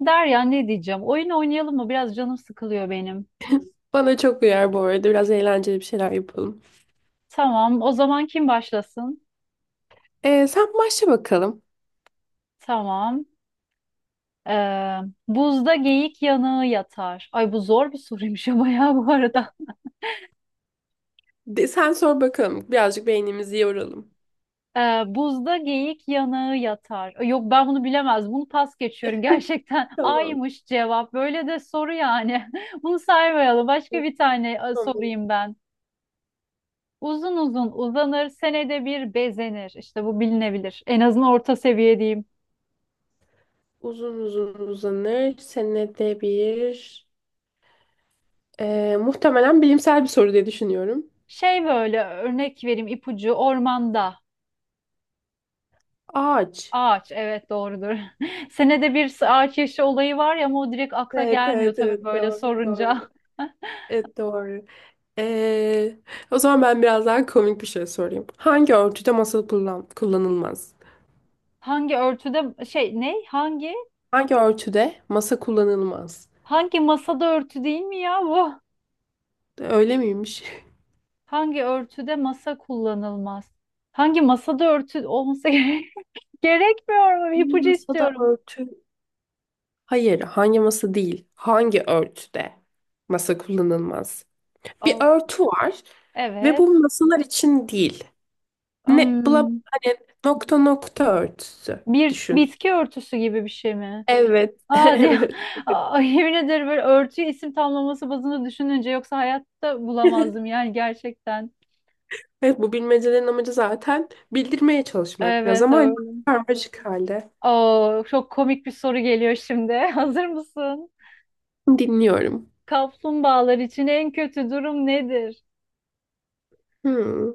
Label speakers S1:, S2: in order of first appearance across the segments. S1: Derya, ne diyeceğim? Oyun oynayalım mı? Biraz canım sıkılıyor benim.
S2: Bana çok uyar bu arada. Biraz eğlenceli bir şeyler yapalım.
S1: Tamam. O zaman kim başlasın?
S2: Sen başla bakalım.
S1: Tamam. Ee, buzda geyik yanığı yatar. Ay, bu zor bir soruymuş ama ya bu arada.
S2: Sen sor bakalım. Birazcık beynimizi yoralım.
S1: Buzda geyik yanığı yatar. Ay, yok, ben bunu bilemez. Bunu pas geçiyorum. Gerçekten
S2: Tamam.
S1: aymış cevap. Böyle de soru yani. Bunu saymayalım. Başka bir tane
S2: Tamam.
S1: sorayım ben. Uzun uzun uzanır, senede bir bezenir. İşte bu bilinebilir. En azından orta seviye diyeyim.
S2: Uzun uzun uzanır. Senede bir. Muhtemelen bilimsel bir soru diye düşünüyorum.
S1: Şey, böyle örnek vereyim, ipucu: ormanda
S2: Ağaç.
S1: ağaç, evet, doğrudur. Senede bir ağaç yaşı olayı var ya, ama o direkt akla
S2: Evet,
S1: gelmiyor
S2: evet,
S1: tabii
S2: evet.
S1: böyle
S2: Doğru, doğru.
S1: sorunca.
S2: Evet, doğru. Ee, O zaman ben biraz daha komik bir şey sorayım. Hangi örtüde masa kullan kullanılmaz?
S1: Hangi örtüde şey, ne, hangi,
S2: Hangi örtüde masa kullanılmaz?
S1: hangi masada örtü, değil mi ya bu?
S2: Öyle miymiş?
S1: Hangi örtüde masa kullanılmaz? Hangi masada örtü olması gerekmiyor mu?
S2: Hangi
S1: İpucu
S2: masada
S1: istiyorum.
S2: örtü? Hayır, hangi masa değil. Hangi örtüde masa kullanılmaz? Bir
S1: Al.
S2: örtü var ve
S1: Evet.
S2: bu masalar için değil. Ne bla
S1: Hmm,
S2: Hani nokta nokta örtüsü
S1: bir
S2: düşün.
S1: bitki örtüsü gibi bir şey mi?
S2: Evet,
S1: Aa, diye
S2: evet.
S1: ay, yemin ederim, böyle örtüyü isim tamlaması bazında düşününce yoksa hayatta bulamazdım yani gerçekten.
S2: Evet, bu bilmecelerin amacı zaten bildirmeye çalışmak biraz,
S1: Evet,
S2: ama hani
S1: öyle.
S2: karmaşık halde.
S1: Oo, çok komik bir soru geliyor şimdi. Hazır mısın?
S2: Dinliyorum.
S1: Kaplumbağalar için en kötü durum nedir?
S2: Hmm,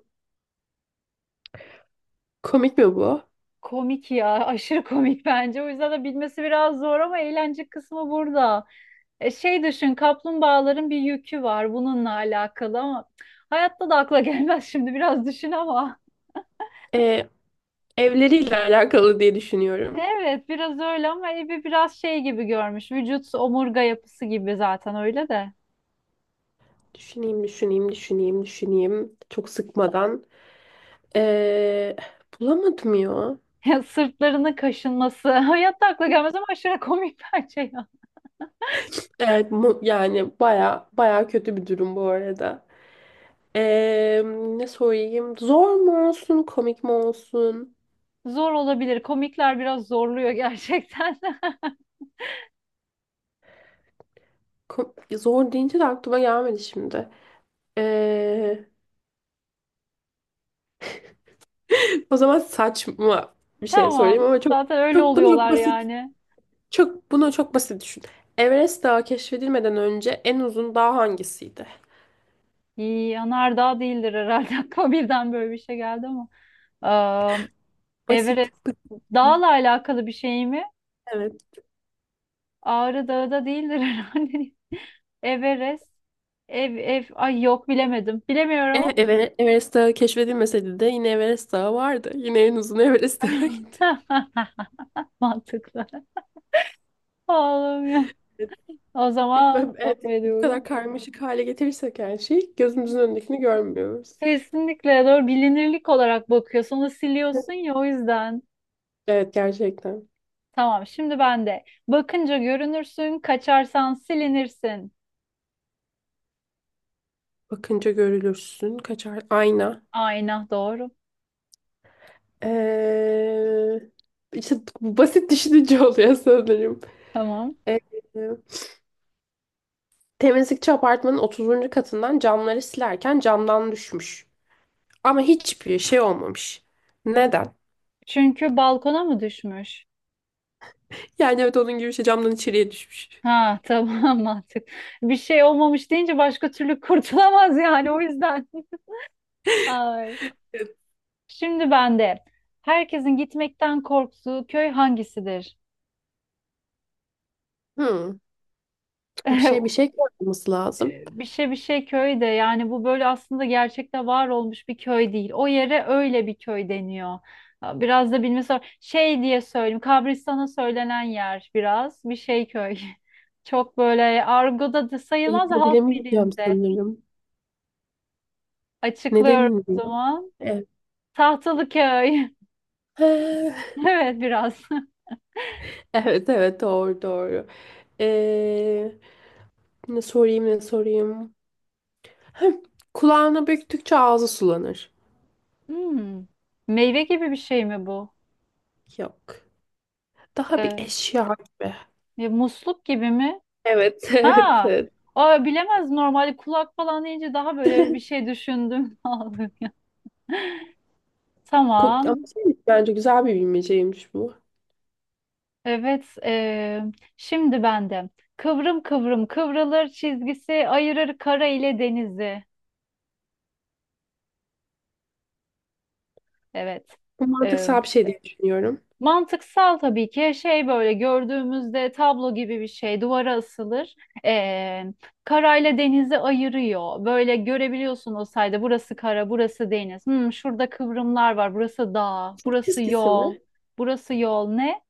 S2: komik mi bu?
S1: Komik ya, aşırı komik bence. O yüzden de bilmesi biraz zor, ama eğlence kısmı burada. Şey, düşün, kaplumbağaların bir yükü var bununla alakalı, ama hayatta da akla gelmez şimdi, biraz düşün ama.
S2: Ee, Evleriyle alakalı diye düşünüyorum.
S1: Evet, biraz öyle, ama evi biraz şey gibi görmüş. Vücut omurga yapısı gibi zaten, öyle de.
S2: Düşüneyim, düşüneyim, düşüneyim, düşüneyim. Çok sıkmadan. Ee, Bulamadım ya.
S1: sırtlarının kaşınması. Hayatta akla gelmez ama aşırı komik bence ya.
S2: Evet, yani baya baya kötü bir durum bu arada. Ee, Ne sorayım? Zor mu olsun, komik mi olsun?
S1: Zor olabilir. Komikler biraz zorluyor gerçekten.
S2: Zor deyince de aklıma gelmedi şimdi. Ee, O zaman saçma bir şey
S1: Tamam.
S2: sorayım ama çok
S1: Zaten öyle
S2: çok bunu çok
S1: oluyorlar
S2: basit.
S1: yani.
S2: Çok bunu çok basit düşün. Everest Dağı keşfedilmeden önce en uzun dağ hangisiydi?
S1: İyi, yanardağ değildir herhalde. Aklıma birden böyle bir şey geldi ama.
S2: Basit.
S1: Everest
S2: Basit.
S1: dağla alakalı bir şey mi?
S2: Evet.
S1: Ağrı Dağı da değildir herhalde. Everest. Ev, ev. Ay, yok, bilemedim. Bilemiyorum.
S2: Everest Dağı keşfedilmeseydi de yine Everest Dağı vardı. Yine en uzun Everest Dağı'ydı.
S1: Mantıklı. Oğlum ya. O
S2: Evet,
S1: zaman
S2: evet,
S1: devam
S2: bu
S1: ediyorum.
S2: kadar karmaşık hale getirirsek her şeyi, gözümüzün önündekini görmüyoruz.
S1: Kesinlikle doğru, bilinirlik olarak bakıyorsun. Onu siliyorsun ya, o yüzden.
S2: Evet, gerçekten.
S1: Tamam, şimdi ben de. Bakınca görünürsün, kaçarsan silinirsin.
S2: Bakınca görülürsün. Kaçar ayna.
S1: Ayna, doğru.
S2: Ee, işte basit düşününce oluyor sanırım.
S1: Tamam.
S2: Ee, Temizlikçi apartmanın 30. katından camları silerken camdan düşmüş. Ama hiçbir şey olmamış. Neden?
S1: Çünkü balkona mı düşmüş?
S2: Yani evet, onun gibi bir şey, camdan içeriye düşmüş.
S1: Ha, tamam, mantık. Bir şey olmamış deyince başka türlü kurtulamaz yani, o yüzden. Ay. Şimdi ben de. Herkesin gitmekten korktuğu köy hangisidir?
S2: Hmm, bir şey yapmamız lazım.
S1: Bir şey bir şey köy de, yani bu böyle aslında gerçekte var olmuş bir köy değil. O yere öyle bir köy deniyor. Ha, biraz da bilmesi var. Şey diye söyleyeyim. Kabristan'a söylenen yer biraz. Bir şey köy. Çok böyle argoda da sayılmaz, da halk
S2: Yapabilemeyeceğim
S1: dilinde.
S2: sanırım.
S1: Açıklıyorum
S2: Neden
S1: o
S2: diyor?
S1: zaman.
S2: Evet.
S1: Tahtalıköy. Evet biraz.
S2: Evet, evet, doğru, doğru. Ee, ne sorayım ne sorayım. Heh, kulağına büktükçe ağzı sulanır.
S1: Hmm. Meyve gibi bir şey mi bu?
S2: Yok. Daha bir
S1: Ee,
S2: eşya gibi.
S1: ya musluk gibi mi?
S2: Evet,
S1: Ha.
S2: evet, evet.
S1: Aa, bilemez normalde, kulak falan deyince daha böyle bir şey düşündüm.
S2: Ama
S1: Tamam.
S2: şey, bence güzel bir bilmeceymiş bu.
S1: Evet. Şimdi bende. Kıvrım kıvrım kıvrılır, çizgisi ayırır kara ile denizi. Evet.
S2: Bu
S1: e,
S2: mantıksal bir şey diye düşünüyorum.
S1: Mantıksal tabii ki, şey, böyle gördüğümüzde tablo gibi bir şey duvara asılır. Ee, karayla denizi ayırıyor. Böyle görebiliyorsun o sayede burası kara, burası deniz. Hmm, şurada kıvrımlar var, burası dağ,
S2: Ufuk
S1: burası
S2: çizgisi
S1: yol,
S2: mi?
S1: burası yol ne?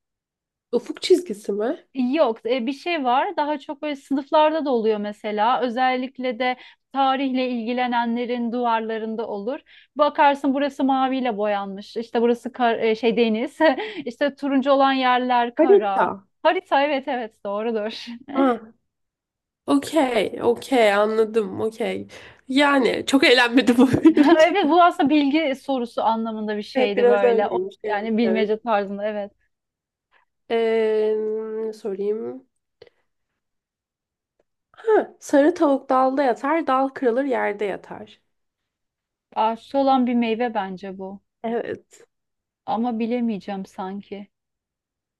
S2: Ufuk çizgisi mi?
S1: Yok, bir şey var. Daha çok böyle sınıflarda da oluyor mesela. Özellikle de tarihle ilgilenenlerin duvarlarında olur. Bakarsın, burası maviyle boyanmış. İşte burası şey, deniz. İşte turuncu olan yerler
S2: Harita.
S1: kara. Harita, evet evet, doğrudur.
S2: Ha, okey, okey, anladım, okey. Yani çok eğlenmedim bu
S1: Evet,
S2: yüzden.
S1: bu aslında bilgi sorusu anlamında bir
S2: Evet,
S1: şeydi
S2: biraz
S1: böyle. O,
S2: öyleymiş. Evet,
S1: yani bilmece
S2: evet.
S1: tarzında, evet.
S2: Ee, Ne sorayım. Ha, sarı tavuk dalda yatar, dal kırılır yerde yatar.
S1: Ağaçta olan bir meyve bence bu.
S2: Evet,
S1: Ama bilemeyeceğim sanki.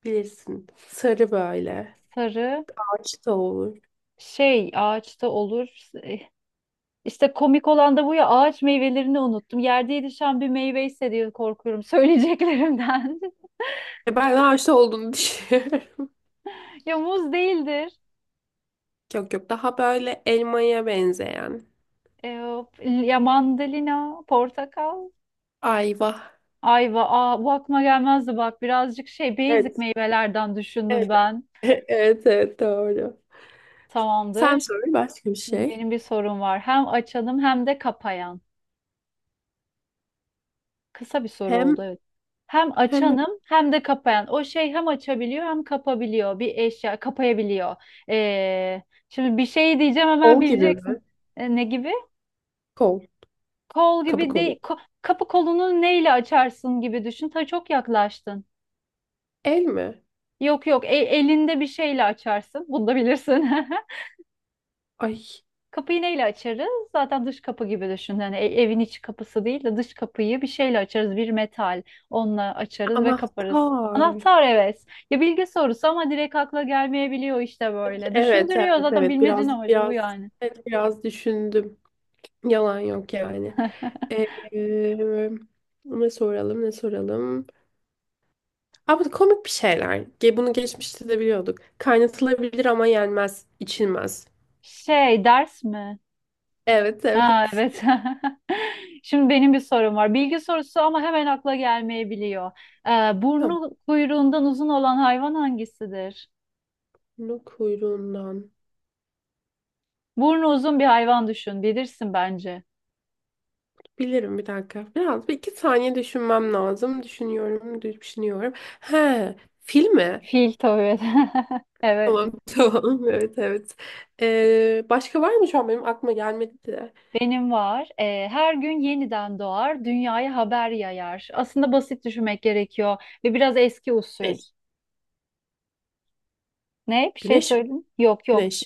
S2: bilirsin. Sarı böyle.
S1: Sarı
S2: Ağaçta olur.
S1: şey, ağaçta olur. İşte komik olan da bu ya, ağaç meyvelerini unuttum. Yerde yetişen bir meyve ise diye korkuyorum söyleyeceklerimden.
S2: Ben ağaçta olduğunu düşünüyorum.
S1: Ya muz değildir.
S2: Yok, yok, daha böyle elmaya benzeyen.
S1: Ee, ya mandalina, portakal,
S2: Ayva.
S1: ayva. Aa, bu aklıma gelmezdi bak. Birazcık şey, basic
S2: Evet,
S1: meyvelerden düşündüm
S2: evet.
S1: ben.
S2: Evet, evet, doğru. Sen
S1: Tamamdır.
S2: sor başka bir şey.
S1: Benim bir sorum var. Hem açanım hem de kapayan. Kısa bir soru oldu,
S2: Hem
S1: evet. Hem
S2: hem
S1: açanım hem de kapayan. O şey, hem açabiliyor hem kapabiliyor. Bir eşya kapayabiliyor. Ee, şimdi bir şey diyeceğim, hemen
S2: kol gibi mi?
S1: bileceksin. Ne gibi?
S2: Kol.
S1: Kol
S2: Kapı
S1: gibi
S2: kolu.
S1: değil. Kapı kolunu neyle açarsın gibi düşün. Ta çok yaklaştın.
S2: El mi?
S1: Yok yok, elinde bir şeyle açarsın. Bunu da bilirsin.
S2: Ay,
S1: Kapıyı neyle açarız? Zaten dış kapı gibi düşün. Yani evin iç kapısı değil de dış kapıyı bir şeyle açarız. Bir metal. Onunla açarız ve kaparız.
S2: anahtar.
S1: Anahtar, evet. Ya, bilgi sorusu ama direkt akla gelmeyebiliyor işte böyle.
S2: Evet,
S1: Düşündürüyor
S2: evet,
S1: zaten,
S2: evet.
S1: bilmecenin
S2: Biraz,
S1: amacı bu
S2: biraz,
S1: yani.
S2: evet, biraz düşündüm. Yalan yok yani. Ee, Ne soralım, ne soralım? Abi komik bir şeyler. Bunu geçmişte de biliyorduk. Kaynatılabilir ama yenmez, içilmez.
S1: Şey, ders mi?
S2: Evet,
S1: Ha,
S2: evet.
S1: evet. Şimdi benim bir sorum var. Bilgi sorusu ama hemen akla gelmeyebiliyor.
S2: Tamam.
S1: Burnu kuyruğundan uzun olan hayvan hangisidir?
S2: Bunu kuyruğundan.
S1: Burnu uzun bir hayvan düşün. Bilirsin bence.
S2: Bilirim, bir dakika. Biraz 1 2 saniye düşünmem lazım. Düşünüyorum, düşünüyorum. He, fil mi?
S1: Fil, tabii. Evet.
S2: Tamam, tamam, evet, evet. Başka var mı, şu an benim aklıma gelmedi de.
S1: Benim var. Her gün yeniden doğar, dünyaya haber yayar. Aslında basit düşünmek gerekiyor ve biraz eski usul.
S2: Güneş.
S1: Ne? Bir şey
S2: Güneş mi?
S1: söyledim. Yok yok.
S2: Güneş.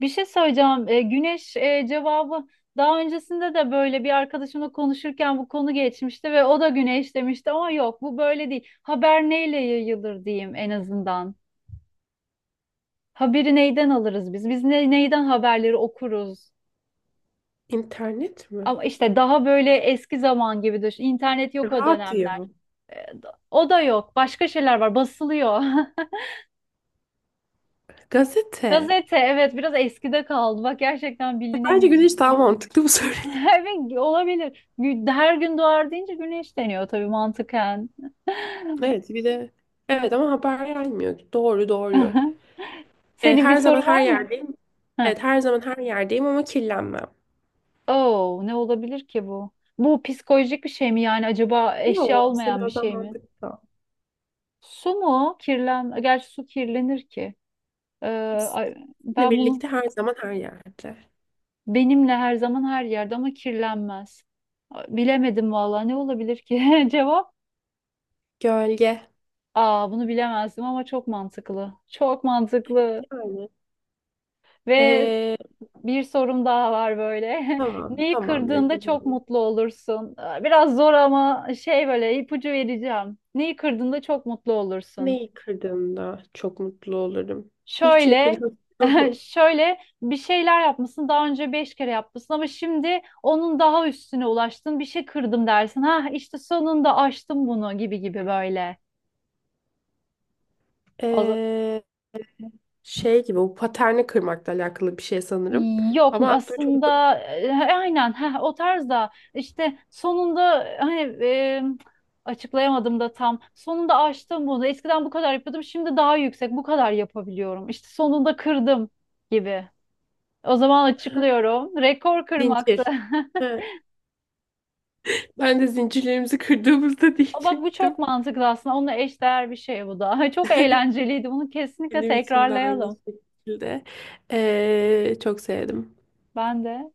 S1: Bir şey söyleyeceğim. Güneş, cevabı daha öncesinde de böyle bir arkadaşımla konuşurken bu konu geçmişti ve o da güneş demişti, ama yok, bu böyle değil. Haber neyle yayılır diyeyim en azından. Haberi neyden alırız biz? Biz ne, neyden haberleri okuruz?
S2: İnternet mi?
S1: Ama işte daha böyle eski zaman gibi düşün. İnternet yok o
S2: Radyo.
S1: dönemler. Ee, O da yok. Başka şeyler var. Basılıyor.
S2: Gazete.
S1: Gazete, evet, biraz eskide kaldı. Bak, gerçekten
S2: Bence
S1: bilinemiyor.
S2: güneş daha mantıklı bu soru.
S1: Evet, olabilir. Her gün doğar deyince güneş deniyor tabii, mantıken.
S2: Evet, bir de evet, ama haber gelmiyor. Doğru, doğru.
S1: Senin bir
S2: Her zaman
S1: sorun
S2: her
S1: var mı?
S2: yerdeyim.
S1: Heh.
S2: Evet, her zaman her yerdeyim ama kirlenmem.
S1: Oo, ne olabilir ki bu? Bu psikolojik bir şey mi yani, acaba eşya
S2: Yok, aslında
S1: olmayan bir
S2: biraz daha
S1: şey mi?
S2: mantıklı.
S1: Su mu? Kirlen, gerçi su kirlenir ki. Ee, ay-
S2: Sizinle
S1: ben bunu,
S2: birlikte her zaman her yerde.
S1: benimle her zaman her yerde ama kirlenmez. Bilemedim vallahi, ne olabilir ki? Cevap.
S2: Gölge.
S1: Aa, bunu bilemezdim ama çok mantıklı. Çok mantıklı.
S2: Yani.
S1: Ve
S2: Ee,
S1: bir sorum daha var böyle.
S2: tamam,
S1: Neyi
S2: tamamdır.
S1: kırdığında çok mutlu olursun? Aa, biraz zor ama şey, böyle ipucu vereceğim. Neyi kırdığında çok mutlu olursun?
S2: Neyi kırdığımda çok mutlu olurum. Hiçbir şey
S1: Şöyle,
S2: kırdığımda.
S1: şöyle bir şeyler yapmışsın. Daha önce 5 kere yapmışsın ama şimdi onun daha üstüne ulaştın. Bir şey kırdım dersin. Ha, işte sonunda aştım bunu gibi gibi böyle. O za-
S2: Ee, Şey gibi, o paterni kırmakla alakalı bir şey sanırım.
S1: Yok
S2: Ama aklıma çok
S1: aslında, aynen, ha, o tarzda, işte sonunda, hani, açıklayamadım da tam, sonunda aştım bunu, eskiden bu kadar yapıyordum, şimdi daha yüksek, bu kadar yapabiliyorum, işte sonunda kırdım gibi, o zaman açıklıyorum, rekor kırmaktı.
S2: zincir. He, ben de zincirlerimizi kırdığımızda
S1: Aa, bak, bu
S2: diyecektim.
S1: çok mantıklı aslında. Onunla eşdeğer bir şey bu da. Çok eğlenceliydi. Bunu kesinlikle
S2: Benim için de aynı
S1: tekrarlayalım.
S2: şekilde. Çok sevdim.
S1: Ben de